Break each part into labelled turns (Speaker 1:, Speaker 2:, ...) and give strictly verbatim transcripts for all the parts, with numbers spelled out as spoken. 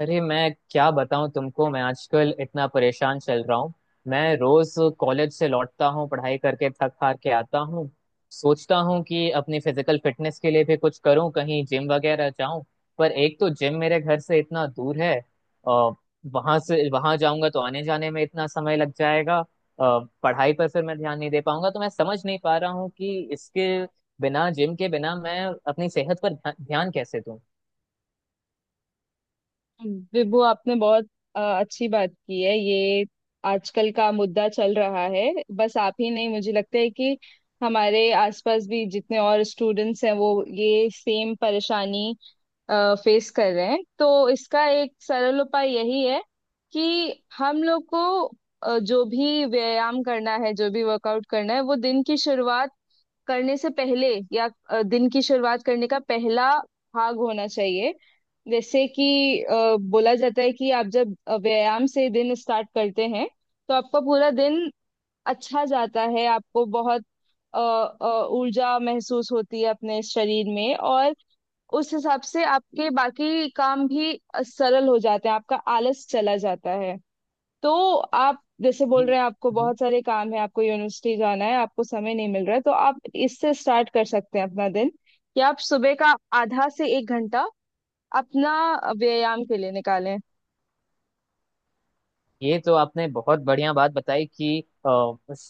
Speaker 1: अरे मैं क्या बताऊं तुमको। मैं आजकल इतना परेशान चल रहा हूँ। मैं रोज कॉलेज से लौटता हूँ, पढ़ाई करके थक हार के आता हूँ। सोचता हूँ कि अपनी फिजिकल फिटनेस के लिए भी कुछ करूँ, कहीं जिम वगैरह जाऊं। पर एक तो जिम मेरे घर से इतना दूर है, और वहां से वहां जाऊंगा तो आने जाने में इतना समय लग जाएगा, अ, पढ़ाई पर फिर मैं ध्यान नहीं दे पाऊंगा। तो मैं समझ नहीं पा रहा हूँ कि इसके बिना, जिम के बिना मैं अपनी सेहत पर ध्या- ध्यान कैसे दूं।
Speaker 2: विभु, आपने बहुत अ, अच्छी बात की है। ये आजकल का मुद्दा चल रहा है। बस आप ही नहीं, मुझे लगता है कि हमारे आसपास भी जितने और स्टूडेंट्स हैं वो ये सेम परेशानी फेस कर रहे हैं। तो इसका एक सरल उपाय यही है कि हम लोग को अ, जो भी व्यायाम करना है, जो भी वर्कआउट करना है, वो दिन की शुरुआत करने से पहले या अ, दिन की शुरुआत करने का पहला भाग होना चाहिए। जैसे कि अ, बोला जाता है कि आप जब अ, व्यायाम से दिन स्टार्ट करते हैं तो आपका पूरा दिन अच्छा जाता है, आपको बहुत अ, अ, ऊर्जा महसूस होती है अपने शरीर में। और उस हिसाब से आपके बाकी काम भी अ, सरल हो जाते हैं, आपका आलस चला जाता है। तो आप जैसे बोल
Speaker 1: जी।
Speaker 2: रहे हैं आपको बहुत सारे काम है, आपको यूनिवर्सिटी जाना है, आपको समय नहीं मिल रहा है, तो आप इससे स्टार्ट कर सकते हैं अपना दिन, कि आप सुबह का आधा से एक घंटा अपना व्यायाम के लिए निकालें।
Speaker 1: ये तो आपने बहुत बढ़िया बात बताई कि अ,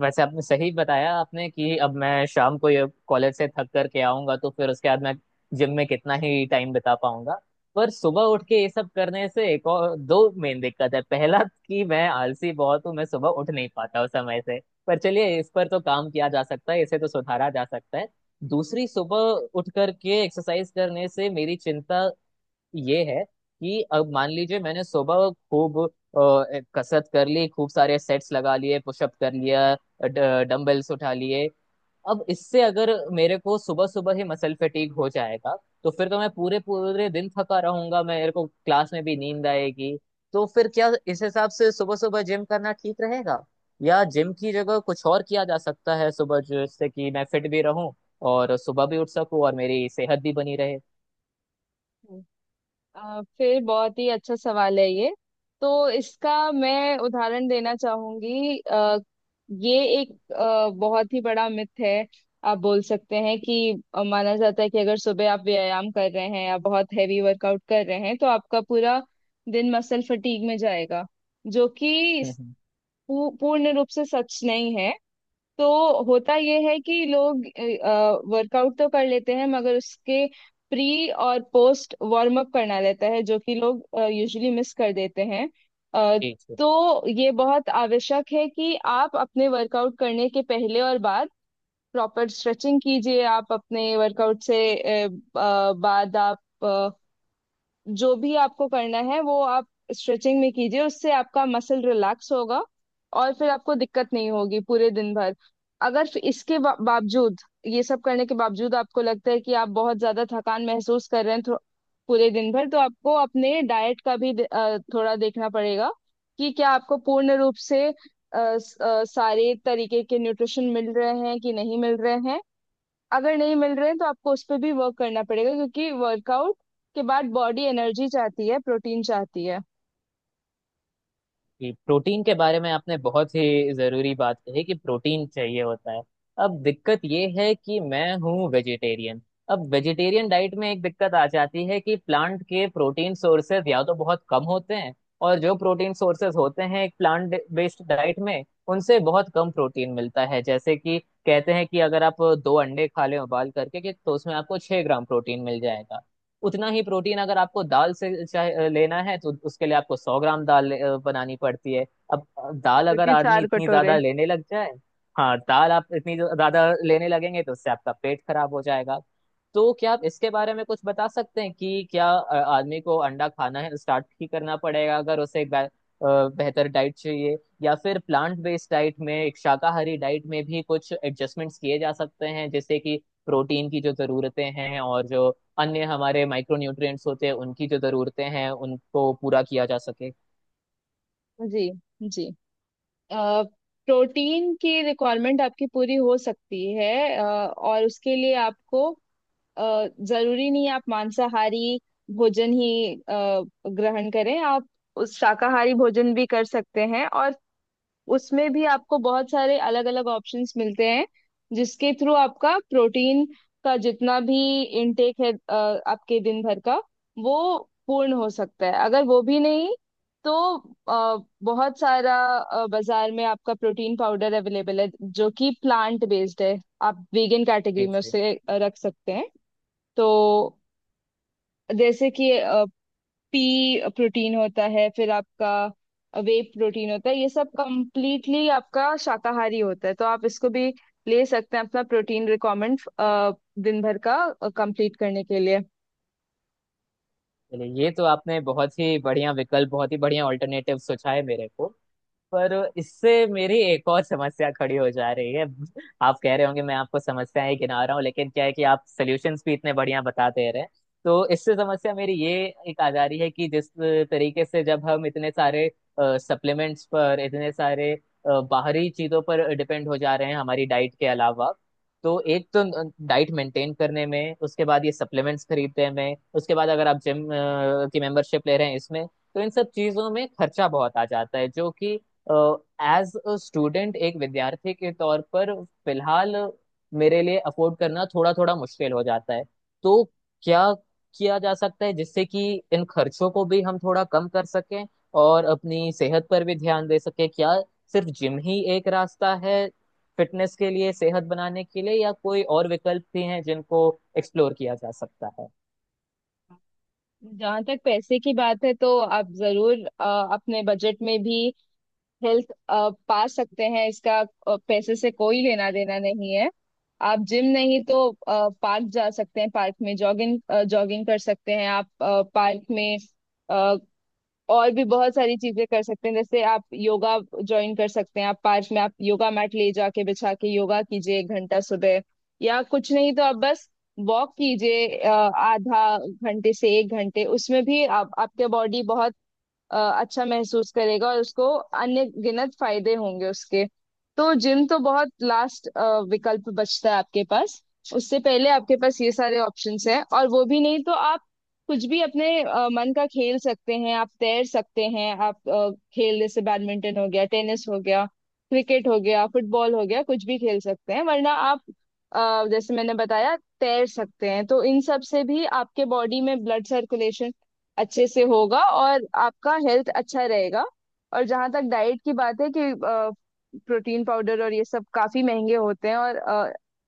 Speaker 1: वैसे आपने सही बताया आपने कि अब मैं शाम को ये कॉलेज से थक कर के आऊंगा तो फिर उसके बाद मैं जिम में कितना ही टाइम बिता पाऊंगा। पर सुबह उठ के ये सब करने से एक और दो मेन दिक्कत है। पहला कि मैं आलसी बहुत हूँ, मैं सुबह उठ नहीं पाता हूँ समय से, पर चलिए इस पर तो काम किया जा सकता है, इसे तो सुधारा जा सकता है। दूसरी, सुबह उठ करके एक्सरसाइज करने से मेरी चिंता ये है कि अब मान लीजिए मैंने सुबह खूब अ, कसरत कर ली, खूब सारे सेट्स लगा लिए, पुशअप कर लिया, डंबल्स उठा लिए। अब इससे अगर मेरे को सुबह सुबह ही मसल फटीग हो जाएगा तो फिर तो मैं पूरे पूरे दिन थका रहूंगा, मेरे को क्लास में भी नींद आएगी। तो फिर क्या इस हिसाब से सुबह सुबह जिम करना ठीक रहेगा, या जिम की जगह कुछ और किया जा सकता है सुबह, जिससे कि मैं फिट भी रहूं और सुबह भी उठ सकूं और मेरी सेहत भी बनी रहे?
Speaker 2: अ, फिर बहुत ही अच्छा सवाल है ये। तो इसका मैं उदाहरण देना चाहूंगी। अ, ये एक अ, बहुत ही बड़ा मिथ है। आप बोल सकते हैं कि अ, माना जाता है कि अगर सुबह आप व्यायाम कर रहे हैं या बहुत हैवी वर्कआउट कर रहे हैं तो आपका पूरा दिन मसल फटीग में जाएगा, जो कि
Speaker 1: हम्म हम्म।
Speaker 2: पू- पूर्ण रूप से सच नहीं है। तो होता यह है कि लोग वर्कआउट तो कर लेते हैं मगर उसके प्री और पोस्ट वार्म अप करना रहता है जो कि लोग यूजुअली मिस कर देते हैं। अ,
Speaker 1: जी जी।
Speaker 2: तो ये बहुत आवश्यक है कि आप अपने वर्कआउट करने के पहले और बाद प्रॉपर स्ट्रेचिंग कीजिए। आप अपने वर्कआउट से अ, अ, बाद आप जो भी आपको करना है वो आप स्ट्रेचिंग में कीजिए। उससे आपका मसल रिलैक्स होगा और फिर आपको दिक्कत नहीं होगी पूरे दिन भर। अगर फिर इसके बा- बावजूद, ये सब करने के बावजूद आपको लगता है कि आप बहुत ज्यादा थकान महसूस कर रहे हैं थो- पूरे दिन भर, तो आपको अपने डाइट का भी दे- अ, थोड़ा देखना पड़ेगा कि क्या आपको पूर्ण रूप से अ, स- अ, सारे तरीके के न्यूट्रिशन मिल रहे हैं कि नहीं मिल रहे हैं। अगर नहीं मिल रहे हैं तो आपको उस पर भी वर्क करना पड़ेगा, क्योंकि वर्कआउट के बाद बॉडी एनर्जी चाहती है, प्रोटीन चाहती है।
Speaker 1: कि प्रोटीन के बारे में आपने बहुत ही जरूरी बात कही कि प्रोटीन चाहिए होता है। अब दिक्कत ये है कि मैं हूँ वेजिटेरियन। अब वेजिटेरियन डाइट में एक दिक्कत आ जाती है कि प्लांट के प्रोटीन सोर्सेज या तो बहुत कम होते हैं, और जो प्रोटीन सोर्सेज होते हैं एक प्लांट बेस्ड डाइट में, उनसे बहुत कम प्रोटीन मिलता है। जैसे कि कहते हैं कि अगर आप दो अंडे खा लें उबाल करके, कि तो उसमें आपको छह ग्राम प्रोटीन मिल जाएगा। उतना ही प्रोटीन अगर आपको दाल से चाहे लेना है तो उसके लिए आपको सौ ग्राम दाल ले- अ, बनानी पड़ती है। अब दाल
Speaker 2: जो
Speaker 1: अगर
Speaker 2: कि
Speaker 1: आदमी
Speaker 2: चार
Speaker 1: इतनी
Speaker 2: कटोरे।
Speaker 1: ज्यादा लेने लग जाए, हाँ, दाल आप इतनी ज्यादा लेने लगेंगे तो उससे आपका पेट खराब हो जाएगा। तो क्या आप इसके बारे में कुछ बता सकते हैं कि क्या अ, आदमी को अंडा खाना है स्टार्ट ही करना पड़ेगा अगर उसे एक बे- अ, बेहतर डाइट चाहिए, या फिर प्लांट बेस्ड डाइट में, एक शाकाहारी डाइट में भी कुछ एडजस्टमेंट्स किए जा सकते हैं जैसे कि प्रोटीन की जो जरूरतें हैं और जो अन्य हमारे माइक्रो न्यूट्रिएंट्स होते हैं उनकी जो जरूरतें हैं, उनको पूरा किया जा सके?
Speaker 2: जी जी, प्रोटीन की रिक्वायरमेंट आपकी पूरी हो सकती है। अ, और उसके लिए आपको अ, जरूरी नहीं है आप मांसाहारी भोजन ही अ, ग्रहण करें। आप उस शाकाहारी भोजन भी कर सकते हैं और उसमें भी आपको बहुत सारे अलग अलग ऑप्शंस मिलते हैं जिसके थ्रू आपका प्रोटीन का जितना भी इनटेक है अ, आपके दिन भर का, वो पूर्ण हो सकता है। अगर वो भी नहीं तो अ, बहुत सारा अ, बाजार में आपका प्रोटीन पाउडर अवेलेबल है जो कि प्लांट बेस्ड है। आप वीगन कैटेगरी
Speaker 1: जी
Speaker 2: में
Speaker 1: जी।
Speaker 2: उसे अ, रख सकते हैं। तो जैसे कि पी प्रोटीन होता है, फिर आपका वे प्रोटीन होता है। ये सब कंप्लीटली आपका शाकाहारी होता है, तो आप इसको भी ले सकते हैं अपना प्रोटीन रिक्वायरमेंट दिन भर का कंप्लीट करने के लिए।
Speaker 1: चलिए, ये तो आपने बहुत ही बढ़िया विकल्प, बहुत ही बढ़िया ऑल्टरनेटिव सोचा है मेरे को। पर इससे मेरी एक और समस्या खड़ी हो जा रही है। आप कह रहे होंगे मैं आपको समस्याएं गिना रहा हूँ, लेकिन क्या है कि आप सॉल्यूशंस भी इतने बढ़िया बता दे रहे हैं। तो इससे समस्या मेरी ये एक आ जा रही है कि जिस तरीके से जब हम इतने सारे सप्लीमेंट्स पर, इतने सारे अ, बाहरी चीजों पर डिपेंड हो जा रहे हैं हमारी डाइट के अलावा, तो एक तो डाइट मेंटेन करने में, उसके बाद ये सप्लीमेंट्स खरीदने में, उसके बाद अगर आप जिम की मेंबरशिप ले रहे हैं इसमें, तो इन सब चीजों में खर्चा बहुत आ जाता है, जो कि एज अ स्टूडेंट, एक विद्यार्थी के तौर पर फिलहाल मेरे लिए अफोर्ड करना थोड़ा थोड़ा मुश्किल हो जाता है। तो क्या किया जा सकता है जिससे कि इन खर्चों को भी हम थोड़ा कम कर सकें और अपनी सेहत पर भी ध्यान दे सकें? क्या सिर्फ जिम ही एक रास्ता है फिटनेस के लिए, सेहत बनाने के लिए, या कोई और विकल्प भी हैं जिनको एक्सप्लोर किया जा सकता है?
Speaker 2: जहाँ तक पैसे की बात है तो आप जरूर अ, अपने बजट में भी हेल्थ पा सकते हैं। इसका अ, पैसे से कोई लेना देना नहीं है। आप जिम नहीं तो पार्क जा सकते हैं, पार्क में जॉगिंग जॉगिंग कर सकते हैं। आप पार्क में और भी बहुत सारी चीजें कर सकते हैं, जैसे आप योगा ज्वाइन कर सकते हैं, आप पार्क में आप योगा मैट ले जाके बिछा के योगा कीजिए एक घंटा सुबह। या कुछ नहीं तो आप बस वॉक कीजिए अ, आधा घंटे से एक घंटे। उसमें भी आप आपके बॉडी बहुत अ, अच्छा महसूस करेगा और उसको अन्य गिनत फायदे होंगे उसके। तो जिम तो बहुत लास्ट विकल्प बचता है आपके पास। उससे पहले आपके पास ये सारे ऑप्शंस हैं। और वो भी नहीं तो आप कुछ भी अपने अ, मन का खेल सकते हैं। आप तैर सकते हैं, आप अ, खेल जैसे बैडमिंटन हो गया, टेनिस हो गया, क्रिकेट हो गया, फुटबॉल हो गया, कुछ भी खेल सकते हैं। वरना आप अ, जैसे मैंने बताया तैर सकते हैं। तो इन सब से भी आपके बॉडी में ब्लड सर्कुलेशन अच्छे से होगा और आपका हेल्थ अच्छा रहेगा। और जहाँ तक डाइट की बात है कि प्रोटीन पाउडर और ये सब काफी महंगे होते हैं, और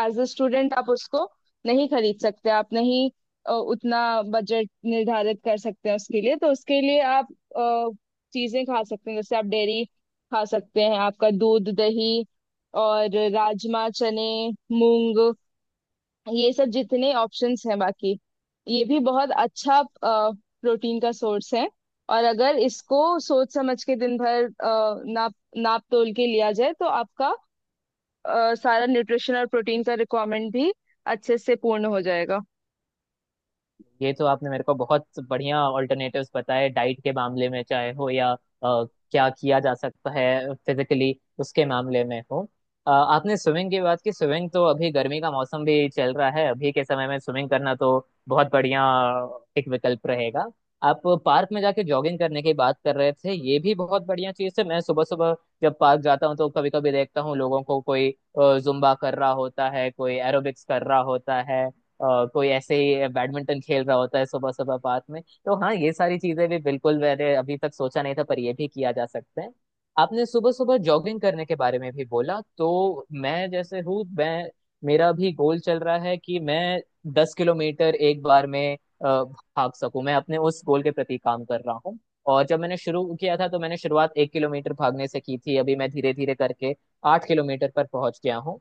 Speaker 2: एज अ स्टूडेंट आप उसको नहीं खरीद सकते, आप नहीं अ, उतना बजट निर्धारित कर सकते हैं उसके लिए। तो उसके लिए आप अ, चीजें खा सकते हैं, जैसे आप डेयरी खा सकते हैं, आपका दूध दही, और राजमा, चने, मूंग, ये सब जितने ऑप्शंस हैं बाकी, ये भी बहुत अच्छा प्रोटीन का सोर्स है। और अगर इसको सोच समझ के दिन भर अ, नाप नाप तोल के लिया जाए तो आपका अ, सारा न्यूट्रिशन और प्रोटीन का रिक्वायरमेंट भी अच्छे से पूर्ण हो जाएगा।
Speaker 1: ये तो आपने मेरे को बहुत बढ़िया ऑल्टरनेटिव्स बताए, डाइट के मामले में चाहे हो, या अ, क्या किया जा सकता है फिजिकली उसके मामले में हो। अ, आपने स्विमिंग की बात की। स्विमिंग तो, अभी गर्मी का मौसम भी चल रहा है, अभी के समय में स्विमिंग करना तो बहुत बढ़िया एक विकल्प रहेगा। आप पार्क में जाके जॉगिंग करने की बात कर रहे थे, ये भी बहुत बढ़िया चीज़ है। मैं सुबह सुबह जब पार्क जाता हूँ तो कभी कभी देखता हूँ लोगों को, कोई जुम्बा कर रहा होता है, कोई एरोबिक्स कर रहा होता है, अ, कोई ऐसे ही बैडमिंटन खेल रहा होता है सुबह सुबह पार्क में। तो हाँ, ये सारी चीजें भी बिल्कुल, मैंने अभी तक सोचा नहीं था, पर ये भी किया जा सकता है। आपने सुबह सुबह जॉगिंग करने के बारे में भी बोला, तो मैं जैसे हूँ मैं मेरा भी गोल चल रहा है कि मैं दस किलोमीटर एक बार में अ, भाग सकूं, मैं अपने उस गोल के प्रति काम कर रहा हूँ। और जब मैंने शुरू किया था तो मैंने शुरुआत एक किलोमीटर भागने से की थी, अभी मैं धीरे धीरे करके आठ किलोमीटर पर पहुंच गया हूँ।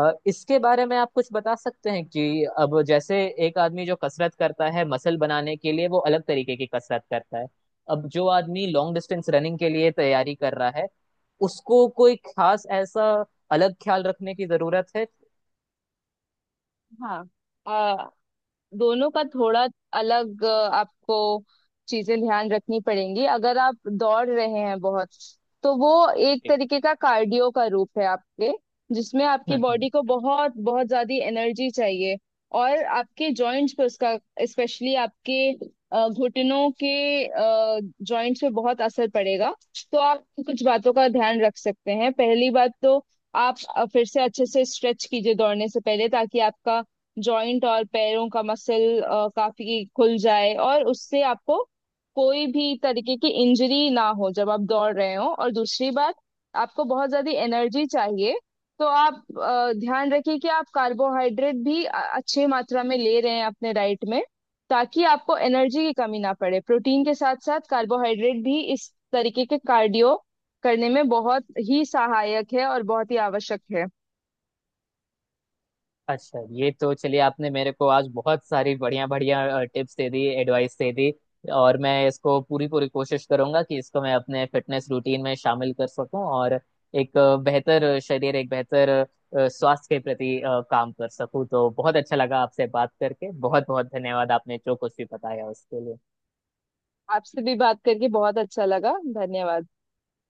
Speaker 1: अ, इसके बारे में आप कुछ बता सकते हैं कि अब जैसे, एक आदमी जो कसरत करता है मसल बनाने के लिए वो अलग तरीके की कसरत करता है, अब जो आदमी लॉन्ग डिस्टेंस रनिंग के लिए तैयारी कर रहा है उसको कोई खास ऐसा अलग ख्याल रखने की जरूरत है?
Speaker 2: हाँ, अ, दोनों का थोड़ा अलग अ, आपको चीजें ध्यान रखनी पड़ेंगी। अगर आप दौड़ रहे हैं बहुत, तो वो एक
Speaker 1: जी।
Speaker 2: तरीके का कार्डियो का रूप है आपके, जिसमें आपकी
Speaker 1: हम्म हम्म।
Speaker 2: बॉडी को बहुत बहुत ज्यादा एनर्जी चाहिए। और आपके जॉइंट्स पे उसका, स्पेशली आपके अ, घुटनों के जॉइंट्स पे बहुत असर पड़ेगा। तो आप कुछ बातों का ध्यान रख सकते हैं। पहली बात तो आप अ, फिर से अच्छे से स्ट्रेच कीजिए दौड़ने से पहले, ताकि आपका जॉइंट और पैरों का मसल काफी खुल जाए और उससे आपको कोई भी तरीके की इंजरी ना हो जब आप दौड़ रहे हो। और दूसरी बात, आपको बहुत ज्यादा एनर्जी चाहिए, तो आप अ, ध्यान रखिए कि आप कार्बोहाइड्रेट भी अ- अच्छी मात्रा में ले रहे हैं अपने डाइट में, ताकि आपको एनर्जी की कमी ना पड़े। प्रोटीन के साथ साथ कार्बोहाइड्रेट भी इस तरीके के कार्डियो करने में बहुत ही सहायक है और बहुत ही आवश्यक है।
Speaker 1: अच्छा, ये तो चलिए आपने मेरे को आज बहुत सारी बढ़िया बढ़िया टिप्स दे दी, एडवाइस दे दी, और मैं इसको पूरी पूरी कोशिश करूंगा कि इसको मैं अपने फिटनेस रूटीन में शामिल कर सकूं, और एक अ, बेहतर शरीर, एक बेहतर अ, स्वास्थ्य के प्रति अ, काम कर सकूं। तो बहुत अच्छा लगा आपसे बात करके, बहुत बहुत धन्यवाद आपने जो कुछ भी बताया उसके लिए।
Speaker 2: आपसे भी बात करके बहुत अच्छा लगा। धन्यवाद।